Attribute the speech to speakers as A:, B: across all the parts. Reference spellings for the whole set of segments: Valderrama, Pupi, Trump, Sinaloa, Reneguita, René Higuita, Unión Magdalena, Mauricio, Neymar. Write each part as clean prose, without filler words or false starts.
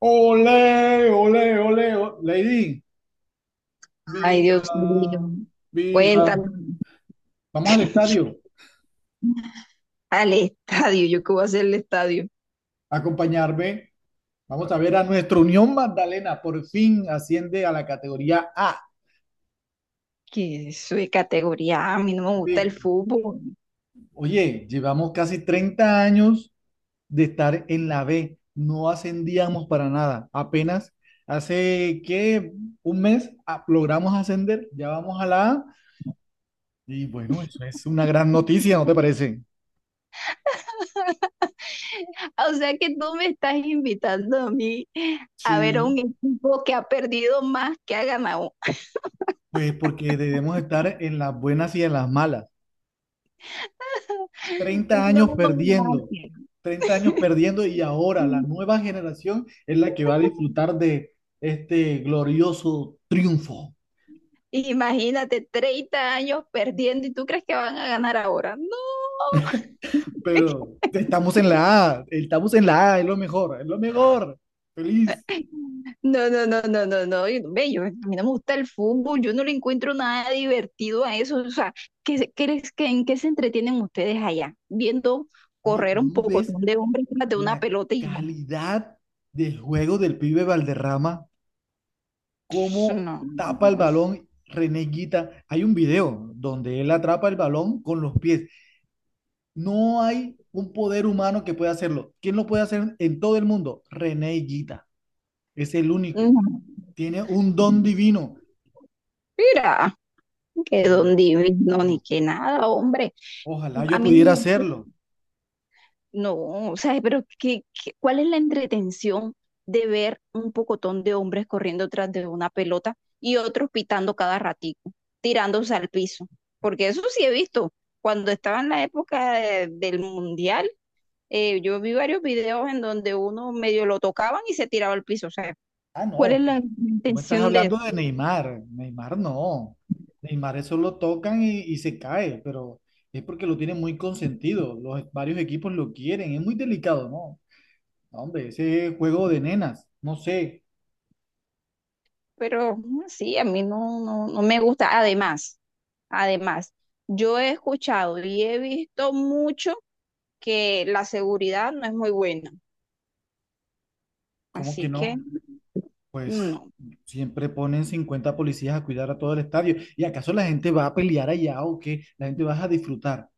A: Ole, ole, ole, o- Lady,
B: Ay, Dios mío.
A: viva,
B: Cuéntame,
A: viva. Vamos al estadio
B: al estadio, ¿yo qué voy a hacer el estadio?
A: a acompañarme. Vamos a ver a nuestra Unión Magdalena. Por fin asciende a la categoría A.
B: Que soy categoría A, a mí no me gusta el
A: B.
B: fútbol.
A: Oye, llevamos casi 30 años de estar en la B. No ascendíamos para nada. Apenas hace que un mes logramos ascender. Ya vamos a la A. Y bueno, eso es una gran noticia, ¿no te parece?
B: O sea que tú me estás invitando a mí a ver a
A: Sí.
B: un equipo que ha perdido más que ha ganado.
A: Pues porque debemos estar en las buenas y en las malas. treinta
B: No,
A: años perdiendo,
B: gracias.
A: 30 años perdiendo y ahora la nueva generación es la que va a disfrutar de este glorioso triunfo.
B: Imagínate, 30 años perdiendo y tú crees que van a ganar ahora. No.
A: Pero estamos en la A, estamos en la A, es lo mejor, es lo mejor. Feliz.
B: No, no, no, no, no, no, ve, yo, a mí no me gusta el fútbol, yo no le encuentro nada divertido a eso, o sea, ¿crees que, en qué se entretienen ustedes allá? Viendo
A: Oye,
B: correr
A: ¿tú
B: un
A: no ves
B: pocotón de hombres tras de una
A: la
B: pelota y no,
A: calidad del juego del pibe Valderrama?
B: pss,
A: ¿Cómo
B: no,
A: tapa el
B: no,
A: balón Reneguita? Hay un video donde él atrapa el balón con los pies. No hay un poder humano que pueda hacerlo. ¿Quién lo puede hacer en todo el mundo? René Higuita. Es el único.
B: no,
A: Tiene un don
B: no.
A: divino.
B: Mira, que
A: Sí,
B: don divino, ni
A: no.
B: que nada, hombre,
A: Ojalá
B: a
A: yo
B: mí no me
A: pudiera
B: gusta.
A: hacerlo.
B: No, o sea, pero ¿cuál es la entretención de ver un pocotón de hombres corriendo tras de una pelota y otros pitando cada ratico, tirándose al piso? Porque eso sí he visto. Cuando estaba en la del mundial, yo vi varios videos en donde uno medio lo tocaban y se tiraba al piso. O sea,
A: Ah,
B: ¿cuál es
A: no.
B: la
A: Tú me estás
B: intención de
A: hablando de
B: eso?
A: Neymar. Neymar no. Neymar eso lo tocan y se cae, pero es porque lo tienen muy consentido. Los e, varios equipos lo quieren. Es muy delicado, ¿no? No, hombre, ese juego de nenas. No sé.
B: Pero sí, a mí no, no, no me gusta. Además, yo he escuchado y he visto mucho que la seguridad no es muy buena.
A: ¿Cómo
B: Así
A: que
B: que
A: no? Pues
B: no,
A: siempre ponen 50 policías a cuidar a todo el estadio. ¿Y acaso la gente va a pelear allá o qué? ¿La gente va a disfrutar?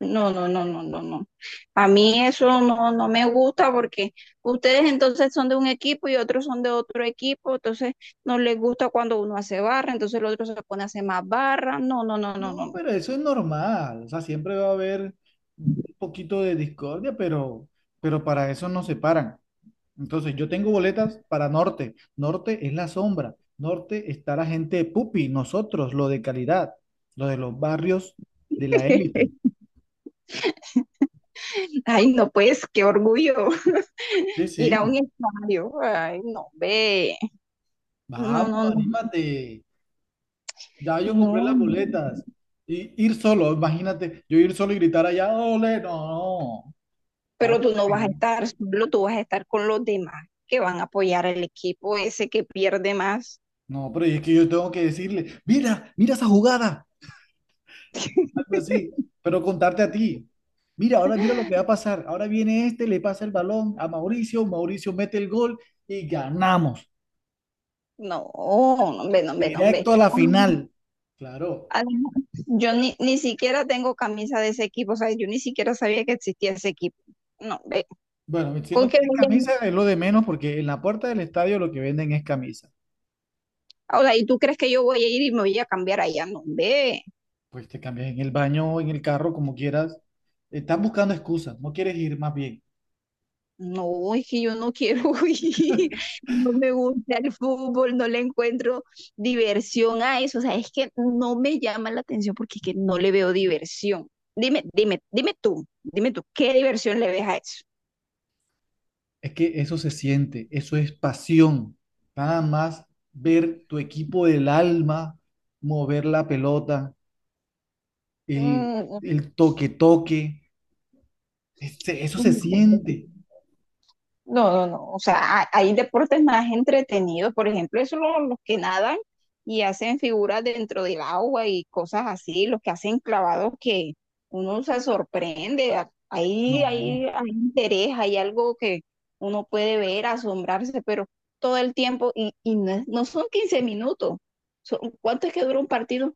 B: no, no, no, no, no, no. A mí eso no, no me gusta porque ustedes entonces son de un equipo y otros son de otro equipo, entonces no les gusta cuando uno hace barra, entonces el otro se pone a hacer más barra. No, no, no, no,
A: No,
B: no.
A: pero eso es normal. O sea, siempre va a haber un poquito de discordia, pero para eso nos separan. Entonces, yo tengo boletas para Norte. Norte es la sombra. Norte está la gente de Pupi, nosotros, lo de calidad, lo de los barrios de la élite.
B: Ay, no, pues, qué orgullo
A: Sí,
B: ir a un
A: sí.
B: estadio. Ay, no, ve. No, no,
A: Vamos,
B: no,
A: anímate. Ya yo compré
B: no.
A: las boletas. Y ir solo, imagínate, yo ir solo y gritar allá, ole, no, no.
B: Pero tú no vas a
A: No,
B: estar solo, tú vas a estar con los demás que van a apoyar al equipo ese que pierde más.
A: no, pero es que yo tengo que decirle, mira, mira esa jugada, algo así, pero contarte a ti. Mira, ahora mira lo que va a pasar. Ahora viene este, le pasa el balón a Mauricio, Mauricio mete el gol y ganamos.
B: No, no, hombre, no, hombre, no, hombre.
A: Directo a la final.
B: Ah,
A: Claro.
B: además, yo ni, ni siquiera tengo camisa de ese equipo, o sea, yo ni siquiera sabía que existía ese equipo. No, ve,
A: Bueno, si no
B: ¿con qué
A: tienes
B: voy a ir?
A: camisa es lo de menos porque en la puerta del estadio lo que venden es camisa.
B: O sea, ¿y tú crees que yo voy a ir y me voy a cambiar allá? No, ve.
A: Pues te cambias en el baño o en el carro, como quieras. Estás buscando excusas, no quieres ir más bien.
B: No, es que yo no quiero ir, no me gusta el fútbol, no le encuentro diversión a eso, o sea, es que no me llama la atención porque es que no le veo diversión. Dime tú, dime tú, ¿qué diversión le ves a eso?
A: Es que eso se siente, eso es pasión. Nada más ver tu equipo del alma mover la pelota, el,
B: Mm,
A: el toque-toque, eso se
B: mm,
A: siente.
B: No, no, no. O sea, hay deportes más entretenidos. Por ejemplo, esos los que nadan y hacen figuras dentro del agua y cosas así, los que hacen clavados que uno se sorprende. Ahí, ahí
A: No,
B: hay interés, hay algo que uno puede ver, asombrarse, pero todo el tiempo, y no, no son 15 minutos. ¿Cuánto es que dura un partido?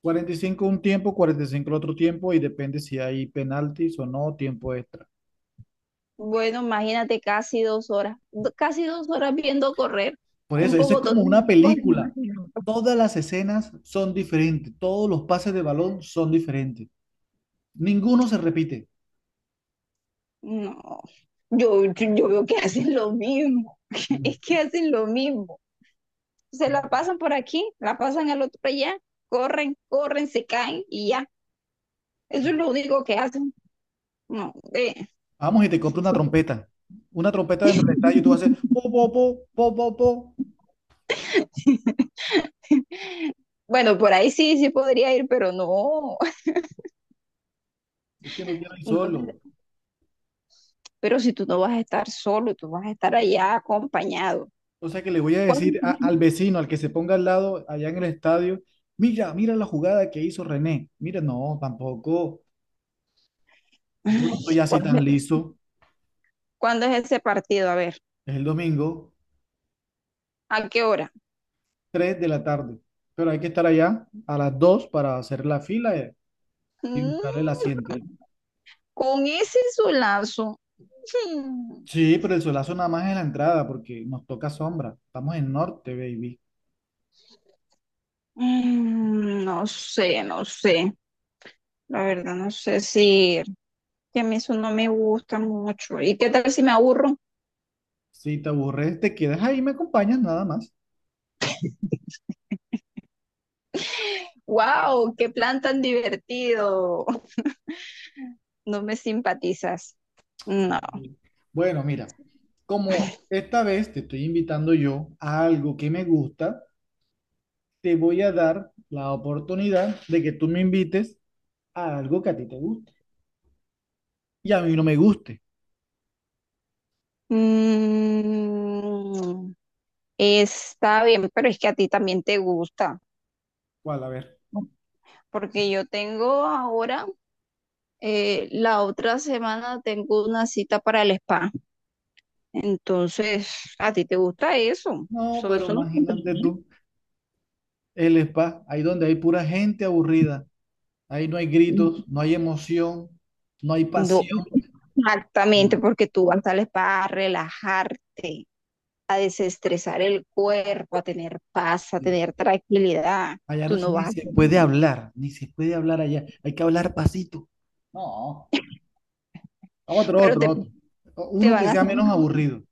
A: 45 un tiempo, 45 el otro tiempo y depende si hay penaltis o no, tiempo extra.
B: Bueno, imagínate casi 2 horas, casi 2 horas viendo correr
A: Por
B: un
A: eso, eso es
B: poco
A: como
B: de
A: una
B: tipos.
A: película. Todas las escenas son diferentes, todos los pases de balón son diferentes. Ninguno se repite.
B: No, yo veo que hacen lo mismo, es que hacen lo mismo. Se la pasan por aquí, la pasan al otro allá, corren, corren, se caen y ya. Eso es lo único que hacen. No, eh.
A: Vamos y te compro una trompeta. Una trompeta dentro del estadio y tú vas a hacer po, po, po, po, po, po.
B: Bueno, por ahí sí, sí podría ir, pero no.
A: Es que no quiero ir solo.
B: No, pero si tú no vas a estar solo, tú vas a estar allá acompañado.
A: O sea que le voy a
B: ¿Cuándo,
A: decir al vecino, al que se ponga al lado allá en el estadio, mira, mira la jugada que hizo René. Mira, no, tampoco. Yo no
B: Ay,
A: soy así tan liso.
B: ¿cuándo es ese partido? A ver,
A: Es el domingo,
B: ¿a qué hora?
A: 3 de la tarde. Pero hay que estar allá a las 2 para hacer la fila y
B: Mm,
A: buscar el asiento.
B: Con ese solazo. mm.
A: Sí, pero el solazo nada más es la entrada porque nos toca sombra. Estamos en norte, baby.
B: No sé, no sé. La verdad, no sé si que a mí eso no me gusta mucho. ¿Y qué tal si me aburro?
A: Si te aburres, te quedas ahí, me acompañas nada más.
B: ¡Wow! ¡Qué plan tan divertido! No me simpatizas. No.
A: Sí. Bueno, mira, como esta vez te estoy invitando yo a algo que me gusta, te voy a dar la oportunidad de que tú me invites a algo que a ti te guste y a mí no me guste.
B: Mm, Está bien, pero es que a ti también te gusta.
A: ¿Cuál? A ver.
B: Porque yo tengo ahora, la otra semana tengo una cita para el spa. Entonces, ¿a ti te gusta eso?
A: No,
B: Sobre
A: pero
B: eso no.
A: imagínate
B: Contraría.
A: tú, el spa, ahí donde hay pura gente aburrida, ahí no hay gritos, no hay emoción, no hay
B: No,
A: pasión.
B: exactamente, porque tú vas al spa a relajarte, a desestresar el cuerpo, a tener paz, a
A: No.
B: tener tranquilidad.
A: Allá
B: Tú
A: no,
B: no vas
A: ni
B: a...
A: se
B: hacer
A: puede
B: nada.
A: hablar, ni se puede hablar allá. Hay que hablar pasito. No, otro,
B: Pero
A: otro,
B: te,
A: otro.
B: te
A: Uno
B: van
A: que
B: a
A: sea
B: hacer
A: menos
B: mal.
A: aburrido.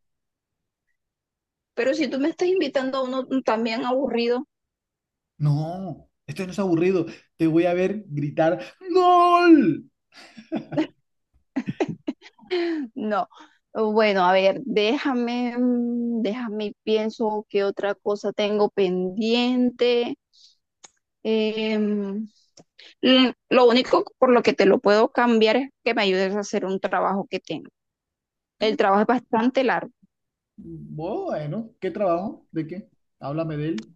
B: Pero si tú me estás invitando a uno también aburrido,
A: No, esto no es aburrido. Te voy a ver gritar ¡gol!
B: no. Bueno, a ver, déjame, déjame, pienso qué otra cosa tengo pendiente. Em, lo único por lo que te lo puedo cambiar es que me ayudes a hacer un trabajo que tengo. El trabajo es bastante largo.
A: Bueno, ¿qué trabajo? ¿De qué? Háblame de él.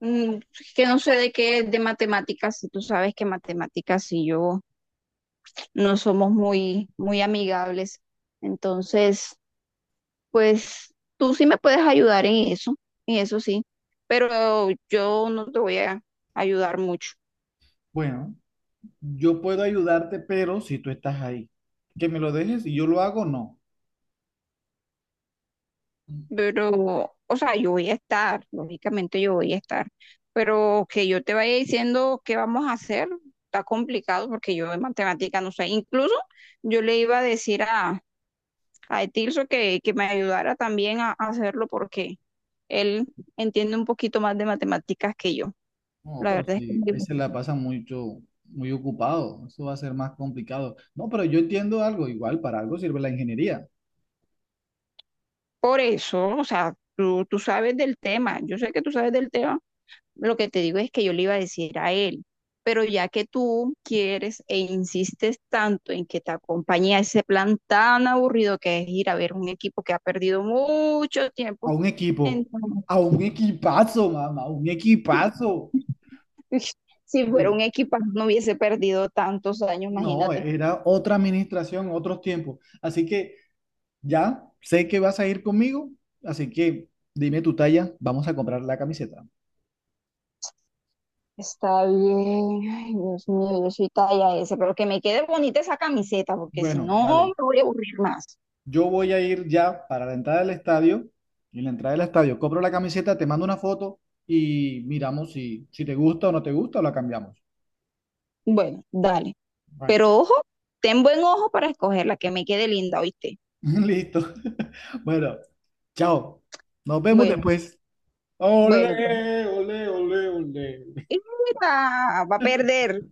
B: Es que no sé de qué, de matemáticas, si tú sabes que matemáticas y yo no somos muy amigables. Entonces, pues tú sí me puedes ayudar en eso sí, pero yo no te voy a ayudar mucho.
A: Bueno, yo puedo ayudarte, pero si tú estás ahí. Que me lo dejes y yo lo hago, no.
B: Pero, o sea, yo voy a estar, lógicamente yo voy a estar, pero que yo te vaya diciendo qué vamos a hacer, está complicado porque yo de matemática no sé. Incluso yo le iba a decir a Etilso que me ayudara también a hacerlo porque él entiende un poquito más de matemáticas que yo.
A: No,
B: La
A: pero
B: verdad es
A: sí,
B: que
A: ahí se la pasa mucho, muy ocupado, eso va a ser más complicado. No, pero yo entiendo algo, igual para algo sirve la ingeniería.
B: por eso, o sea, tú sabes del tema, yo sé que tú sabes del tema, lo que te digo es que yo le iba a decir a él, pero ya que tú quieres e insistes tanto en que te acompañe a ese plan tan aburrido que es ir a ver un equipo que ha perdido mucho
A: A
B: tiempo,
A: un equipo,
B: entonces,
A: a un equipazo, mamá, a un equipazo.
B: si fuera
A: Bueno,
B: un equipo no hubiese perdido tantos años,
A: no,
B: imagínate.
A: era otra administración, otros tiempos. Así que ya sé que vas a ir conmigo, así que dime tu talla, vamos a comprar la camiseta.
B: Está bien. Ay, Dios mío, yo soy talla S, pero que me quede bonita esa camiseta, porque si
A: Bueno,
B: no me
A: dale.
B: voy a aburrir más.
A: Yo voy a ir ya para la entrada del estadio. Y en la entrada del estadio compro la camiseta, te mando una foto y miramos si te gusta o no te gusta o la cambiamos.
B: Bueno, dale.
A: Bueno,
B: Pero ojo, ten buen ojo para escogerla, que me quede linda, ¿oíste?
A: listo. Bueno, chao. Nos vemos
B: Bueno,
A: después.
B: bueno, pues.
A: Olé, olé, olé, olé.
B: Mira, va a perder.